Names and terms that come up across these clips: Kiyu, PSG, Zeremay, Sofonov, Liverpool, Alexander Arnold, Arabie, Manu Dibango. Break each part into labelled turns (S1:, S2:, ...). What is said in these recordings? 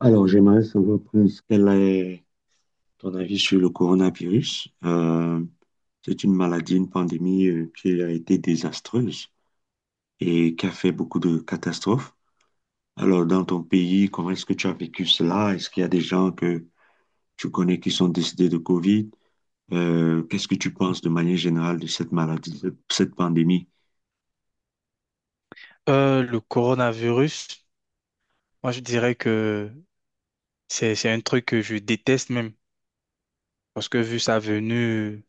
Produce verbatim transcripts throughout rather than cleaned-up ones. S1: Alors, j'aimerais savoir plus quel est ton avis sur le coronavirus. Euh, c'est une maladie, une pandémie euh, qui a été désastreuse et qui a fait beaucoup de catastrophes. Alors, dans ton pays, comment est-ce que tu as vécu cela? Est-ce qu'il y a des gens que tu connais qui sont décédés de COVID? Euh, qu'est-ce que tu penses de manière générale de cette maladie, de cette pandémie?
S2: Euh, le coronavirus, moi je dirais que c'est c'est un truc que je déteste même parce que vu sa venue,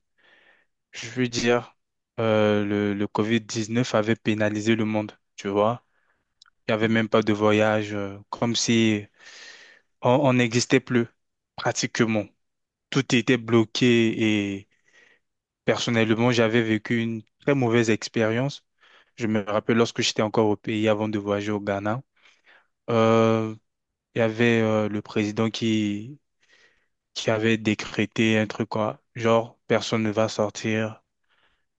S2: je veux dire, euh, le, le covid dix-neuf avait pénalisé le monde, tu vois. Il n'y avait même pas de voyage, euh, comme si on on n'existait plus pratiquement. Tout était bloqué et personnellement, j'avais vécu une très mauvaise expérience. Je me rappelle lorsque j'étais encore au pays avant de voyager au Ghana. Euh, il y avait euh, le président qui, qui avait décrété un truc quoi, genre personne ne va sortir,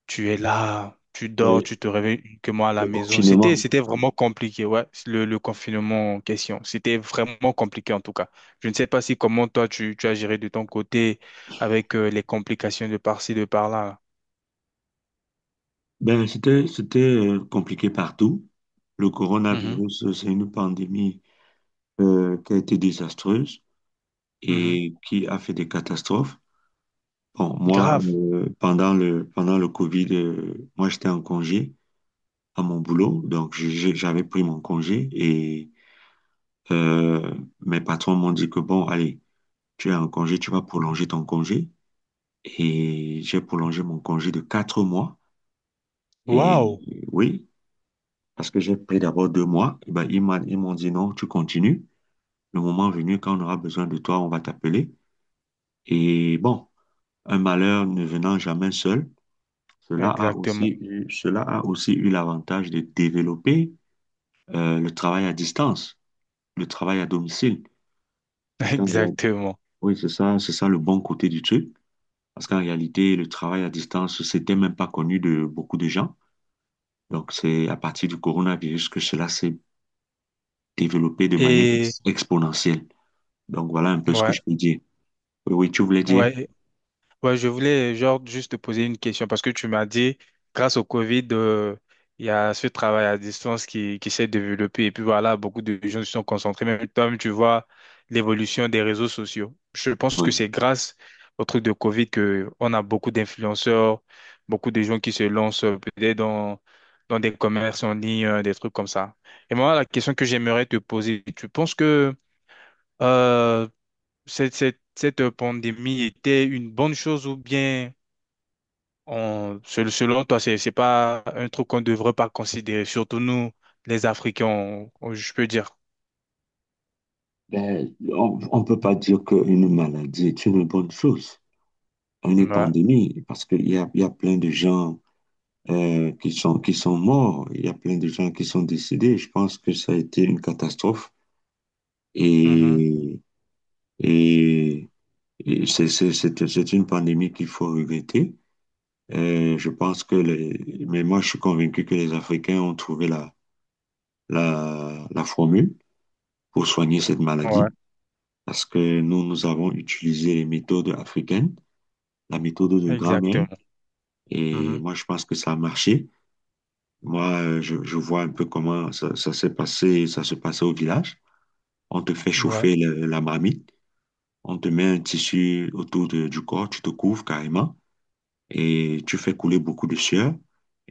S2: tu es là, tu dors,
S1: Oui,
S2: tu te réveilles uniquement à la
S1: le
S2: maison.
S1: confinement.
S2: C'était c'était vraiment compliqué, ouais, le, le confinement en question. C'était vraiment compliqué en tout cas. Je ne sais pas si comment toi tu, tu as géré de ton côté avec euh, les complications de par-ci, de par-là.
S1: Ben, c'était, c'était euh, compliqué partout. Le
S2: Mhm,
S1: coronavirus, euh, c'est une pandémie euh, qui a été désastreuse
S2: mhm.
S1: et qui a fait des catastrophes. Bon, moi,
S2: Grave.
S1: euh, pendant le, pendant le Covid, euh, moi, j'étais en congé à mon boulot, donc j'ai- j'ai- j'avais pris mon congé et euh, mes patrons m'ont dit que, bon, allez, tu es en congé, tu vas prolonger ton congé. Et j'ai prolongé mon congé de quatre mois.
S2: Waouh.
S1: Et oui, parce que j'ai pris d'abord deux mois, et ben, ils m'a- ils m'ont dit non, tu continues. Le moment venu, quand on aura besoin de toi, on va t'appeler. Et bon. Un malheur ne venant jamais seul, cela a aussi
S2: Exactement.
S1: eu, cela a aussi eu l'avantage de développer euh, le travail à distance, le travail à domicile. Parce qu'en réalité-
S2: Exactement.
S1: oui, c'est ça, c'est ça le bon côté du truc. Parce qu'en réalité, le travail à distance, c'était même pas connu de beaucoup de gens. Donc, c'est à partir du coronavirus que cela s'est développé de manière
S2: Et
S1: ex- exponentielle. Donc, voilà un peu ce que
S2: ouais,
S1: je peux dire. Oui, oui, tu voulais dire?
S2: ouais. Ouais, je voulais genre juste te poser une question parce que tu m'as dit, grâce au Covid, euh, il y a ce travail à distance qui, qui s'est développé et puis voilà, beaucoup de gens se sont concentrés. Même toi, tu vois l'évolution des réseaux sociaux. Je pense que
S1: Oui.
S2: c'est grâce au truc de Covid que on a beaucoup d'influenceurs, beaucoup de gens qui se lancent euh, peut-être dans, dans des commerces en ligne, euh, des trucs comme ça. Et moi, la question que j'aimerais te poser, tu penses que euh, cette, cette, cette pandémie était une bonne chose ou bien on, sel- selon toi, c'est, c'est pas un truc qu'on devrait pas considérer, surtout nous, les Africains, on- on- je peux dire.
S1: Ben, on ne peut pas dire qu'une maladie est une bonne chose, une
S2: Ouais.
S1: pandémie, parce qu'il y a, il y a plein de gens euh, qui sont, qui sont morts, il y a plein de gens qui sont décédés. Je pense que ça a été une catastrophe
S2: Mhm.
S1: et, et, et c'est c'est- c'est- c'est une pandémie qu'il faut regretter. Euh, je pense que les, mais moi je suis convaincu que les Africains ont trouvé la, la, la formule pour soigner cette
S2: Ouais,
S1: maladie parce que nous, nous avons utilisé les méthodes africaines, la méthode de grammaire
S2: exactement.
S1: et
S2: Mhm.
S1: moi je pense que ça a marché. Moi, euh, je, je vois un peu comment ça, ça s'est passé, ça se passait au village. On te fait
S2: Ouais.
S1: chauffer le- la marmite, on te met un tissu autour de- du corps, tu te couvres carrément et tu fais couler beaucoup de sueur.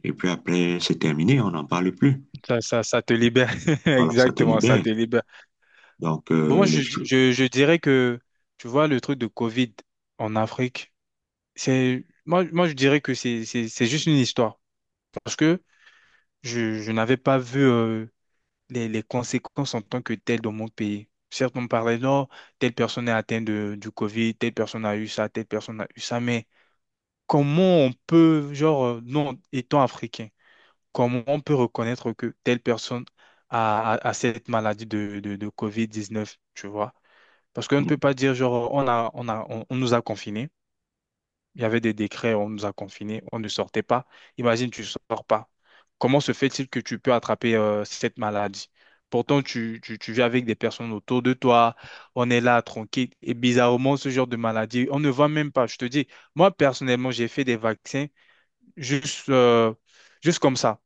S1: Et puis après, c'est terminé, on n'en parle plus.
S2: Ça, ça, ça te libère.
S1: Voilà, ça te
S2: Exactement, ça
S1: libère.
S2: te libère.
S1: Donc,
S2: Bon, moi,
S1: euh, les
S2: je,
S1: choses.
S2: je, je dirais que, tu vois, le truc de Covid en Afrique, c'est, moi, moi, je dirais que c'est, c'est, c'est juste une histoire. Parce que je, je n'avais pas vu, euh, les, les conséquences en tant que telles dans mon pays. Certes, on parlait, non, telle personne est atteinte de- du Covid, telle personne a eu ça, telle personne a eu ça, mais comment on peut, genre, euh, non, étant africain, comment on peut reconnaître que telle personne a, a- a cette maladie de, de, de covid dix-neuf, tu vois? Parce qu'on ne
S1: Mm.
S2: peut pas dire, genre, on a, on a, on, on nous a confinés. Il y avait des décrets, on nous a confinés, on ne sortait pas. Imagine, tu ne sors pas. Comment se fait-il que tu peux attraper euh, cette maladie? Pourtant, tu, tu, tu vis avec des personnes autour de toi, on est là, tranquille. Et bizarrement, ce genre de maladie, on ne voit même pas. Je te dis, moi, personnellement, j'ai fait des vaccins Juste, euh, juste comme ça,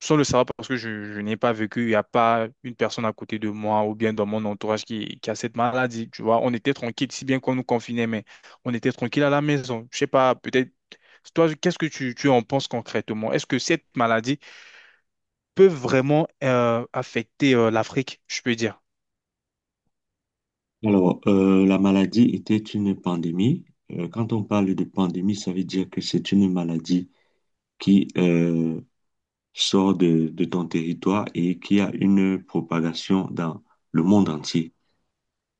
S2: sans le savoir parce que je, je n'ai pas vécu, il n'y a pas une personne à côté de moi ou bien dans mon entourage qui, qui a cette maladie, tu vois. On était tranquille, si bien qu'on nous confinait, mais on était tranquille à la maison. Je sais pas, peut-être, toi, qu'est-ce que tu, tu en penses concrètement? Est-ce que cette maladie peuvent vraiment euh, affecter euh, l'Afrique, je peux dire.
S1: Alors, euh, la maladie était une pandémie. Euh, quand on parle de pandémie, ça veut dire que c'est une maladie qui, euh, sort de, de ton territoire et qui a une propagation dans le monde entier.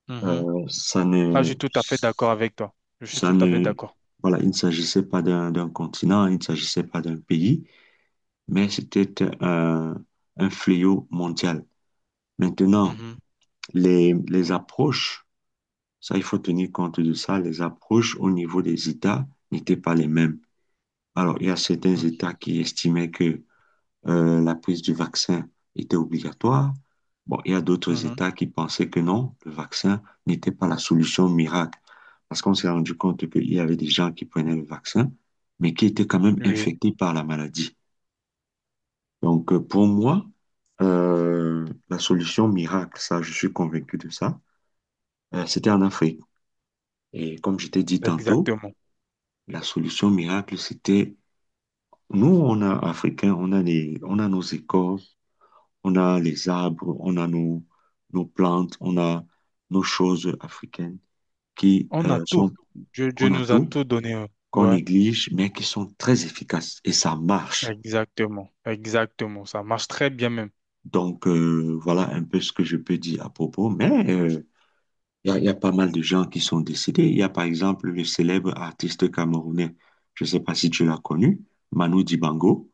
S2: Mhm.
S1: Euh, ça
S2: Ah, je
S1: ne,
S2: suis tout à fait d'accord avec toi. Je suis
S1: ça
S2: tout à fait
S1: ne,
S2: d'accord.
S1: Voilà, il ne s'agissait pas d'un d'un continent, il ne s'agissait pas d'un pays, mais c'était un, un fléau mondial. Maintenant,
S2: Mhm.
S1: les, les approches, ça, il faut tenir compte de ça, les approches au niveau des États n'étaient pas les mêmes. Alors, il y a certains États qui estimaient que euh, la prise du vaccin était obligatoire. Bon, il y a d'autres
S2: Mhm.
S1: États qui pensaient que non, le vaccin n'était pas la solution miracle. Parce qu'on s'est rendu compte qu'il y avait des gens qui prenaient le vaccin, mais qui étaient quand même
S2: Mhm. Oui,
S1: infectés par la maladie. Donc, euh, pour moi, euh, la solution miracle, ça, je suis convaincu de ça, euh, c'était en Afrique. Et comme je t'ai dit tantôt,
S2: exactement.
S1: la solution miracle, c'était nous, on a Africains, on a les, on a nos écoles, on a les arbres, on a nos, nos plantes, on a nos choses africaines qui
S2: On a
S1: euh,
S2: tout.
S1: sont,
S2: Dieu, Dieu
S1: on a
S2: nous a
S1: tout,
S2: tout donné. euh,
S1: qu'on
S2: Ouais.
S1: néglige, mais qui sont très efficaces et ça marche.
S2: Exactement, exactement, ça marche très bien même.
S1: Donc, euh, voilà un peu ce que je peux dire à propos. Mais euh, il y a, y a pas mal de gens qui sont décédés. Il y a par exemple le célèbre artiste camerounais, je ne sais pas si tu l'as connu, Manu Dibango,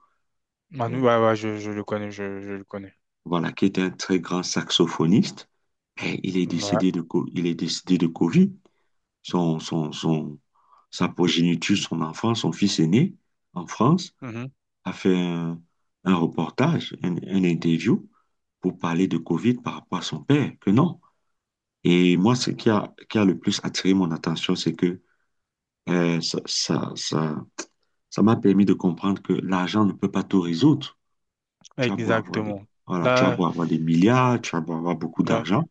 S1: euh,
S2: Manu, ouais, ouais, je, je le connais, je, je le connais.
S1: voilà, qui est un très grand saxophoniste. Et il est
S2: Ouais,
S1: décédé de, co- il est décédé de Covid. son, son, son- Sa progéniture, son enfant, son fils aîné en France,
S2: mhm,
S1: a fait un, un reportage, un, un interview pour parler de Covid par rapport à son père, que non. Et moi, ce qui a, qui a le plus attiré mon attention, c'est que euh, ça, ça, ça, ça m'a permis de comprendre que l'argent ne peut pas tout résoudre. Tu as beau avoir des,
S2: Exactement.
S1: voilà, tu as
S2: Là,
S1: beau avoir des milliards, tu as beau avoir beaucoup
S2: ouais,
S1: d'argent,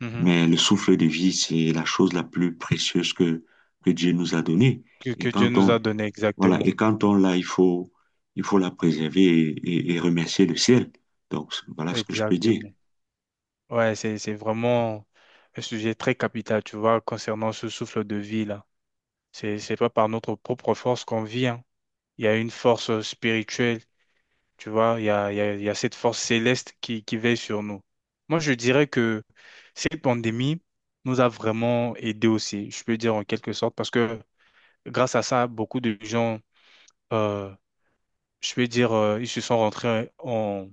S2: mhm,
S1: mais le souffle de vie, c'est la chose la plus précieuse que, que Dieu nous a donnée.
S2: Que,
S1: Et
S2: que Dieu
S1: quand
S2: nous a
S1: on,
S2: donné,
S1: Voilà,
S2: exactement,
S1: et quand on l'a, il faut, il faut la préserver et, et- et remercier le ciel. Donc, voilà ce que je peux dire.
S2: exactement. Ouais, c'est, c'est vraiment un sujet très capital, tu vois, concernant ce souffle de vie là. C'est, c'est pas par notre propre force qu'on vit, hein. Il y a une force spirituelle. Tu vois, il y a, il y a, il y a cette force céleste qui, qui veille sur nous. Moi, je dirais que cette pandémie nous a vraiment aidés aussi, je peux dire en quelque sorte, parce que grâce à ça, beaucoup de gens, euh, je peux dire, euh, ils se sont rentrés en,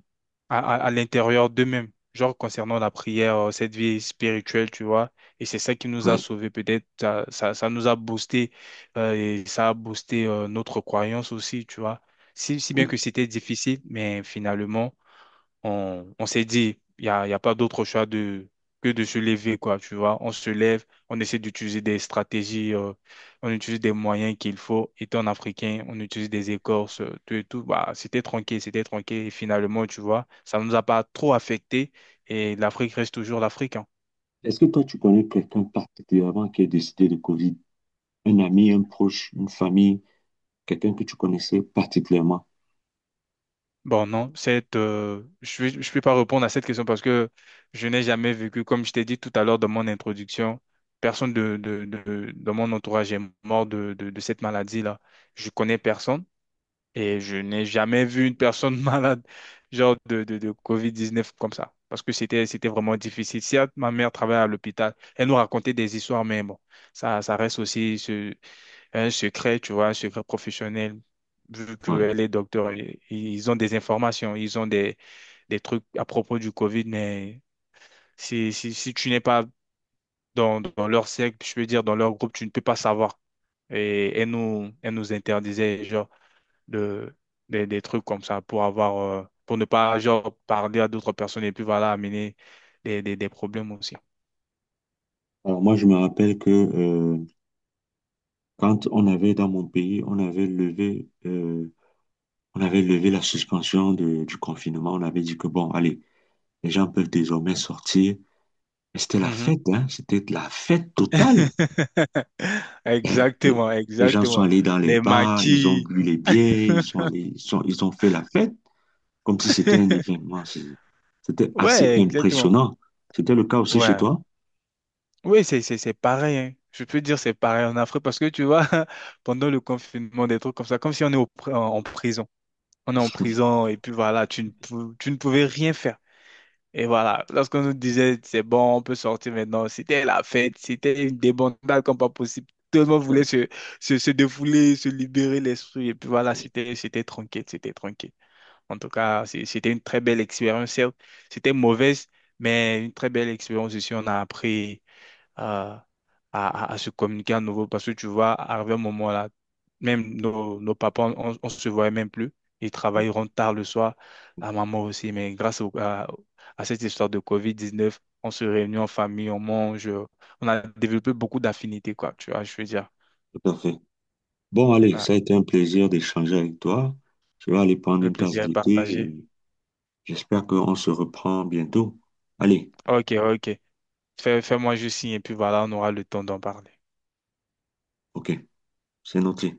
S2: à, à, à l'intérieur d'eux-mêmes, genre concernant la prière, euh, cette vie spirituelle, tu vois. Et c'est ça qui nous a
S1: Ouais.
S2: sauvés, peut-être, ça, ça, ça nous a boosté, euh, et ça a boosté, euh, notre croyance aussi, tu vois. Si, si bien
S1: Bon.
S2: que c'était difficile, mais finalement, on, on s'est dit, il n'y a, y a pas d'autre choix de, que de se lever, quoi, tu vois. On se lève, on essaie d'utiliser des stratégies, euh, on utilise des moyens qu'il faut. Étant africain, on utilise des écorces, euh, tout et tout. Bah, c'était tranquille, c'était tranquille. Et finalement, tu vois, ça ne nous a pas trop affecté et l'Afrique reste toujours l'Afrique, hein.
S1: Est-ce que toi, tu connais quelqu'un particulièrement qui est décédé de Covid? Un ami, un proche, une famille, quelqu'un que tu connaissais particulièrement?
S2: Bon, non, cette, euh, je ne vais je vais pas répondre à cette question parce que je n'ai jamais vécu, comme je t'ai dit tout à l'heure dans mon introduction, personne de, de, de, de mon entourage est mort de, de, de cette maladie-là. Je connais personne et je n'ai jamais vu une personne malade, genre de, de, de covid dix-neuf comme ça, parce que c'était, c'était vraiment difficile. Certes, ma mère travaillait à l'hôpital, elle nous racontait des histoires, mais bon, ça, ça reste aussi un secret, tu vois, un secret professionnel, vu que
S1: Ouais.
S2: les docteurs, i- ils ont des informations, ils ont des, des trucs à propos du COVID, mais si, si, si tu n'es pas dans, dans leur cercle, je veux dire, dans leur groupe, tu ne peux pas savoir. Et elle nous, elle nous interdisait, genre, de, des, des trucs comme ça pour avoir, euh, pour ne pas, genre, parler à d'autres personnes et puis, voilà, amener des, des, des problèmes aussi.
S1: Alors moi, je me rappelle que euh, quand on avait dans mon pays, on avait levé euh, On avait levé la suspension de- du confinement. On avait dit que bon, allez, les gens peuvent désormais sortir. Et c'était la
S2: Mhm.
S1: fête, hein. C'était la fête totale. Et Les,
S2: Exactement,
S1: les gens sont
S2: exactement.
S1: allés dans les
S2: Les
S1: bars, ils ont
S2: maquis.
S1: bu les bières, ils sont allés, ils sont- ils ont fait la fête comme si c'était un événement. C'est- C'était assez
S2: Ouais, exactement.
S1: impressionnant. C'était le cas aussi chez
S2: Ouais.
S1: toi?
S2: Oui, c'est c'est- c'est pareil, hein. Je peux dire c'est pareil en Afrique parce que tu vois, pendant le confinement, des trucs comme ça, comme si on est au pri- en, en prison. On est en prison et puis voilà, tu ne, pou- tu ne pouvais rien faire. Et voilà, lorsqu'on nous disait c'est bon, on peut sortir maintenant, c'était la fête, c'était une débandade comme pas possible. Tout le monde voulait
S1: Oui,
S2: se, se, se défouler, se libérer l'esprit. Et puis voilà, c'était c'était tranquille, c'était tranquille. En tout cas, c'est- c'était une très belle expérience, certes. C'était mauvaise, mais une très belle expérience aussi. On a appris euh, à, à- à se communiquer à nouveau parce que tu vois, arriver un moment là, même nos, nos papas, on, on se voyait même plus. Ils travailleront tard le soir, à maman aussi, mais grâce au- à, à cette histoire de covid dix neuf, on se réunit en famille, on mange, euh, on a développé beaucoup d'affinités, quoi, tu vois, je veux dire.
S1: tout à fait. Bon, allez,
S2: Ouais,
S1: ça a été un plaisir d'échanger avec toi. Je vais aller prendre
S2: le
S1: une tasse
S2: plaisir est
S1: de thé
S2: partagé.
S1: et j'espère qu'on se reprend bientôt. Allez,
S2: Ok, ok. Fais, fais-moi juste signe et puis voilà, on aura le temps d'en parler.
S1: ok, c'est noté.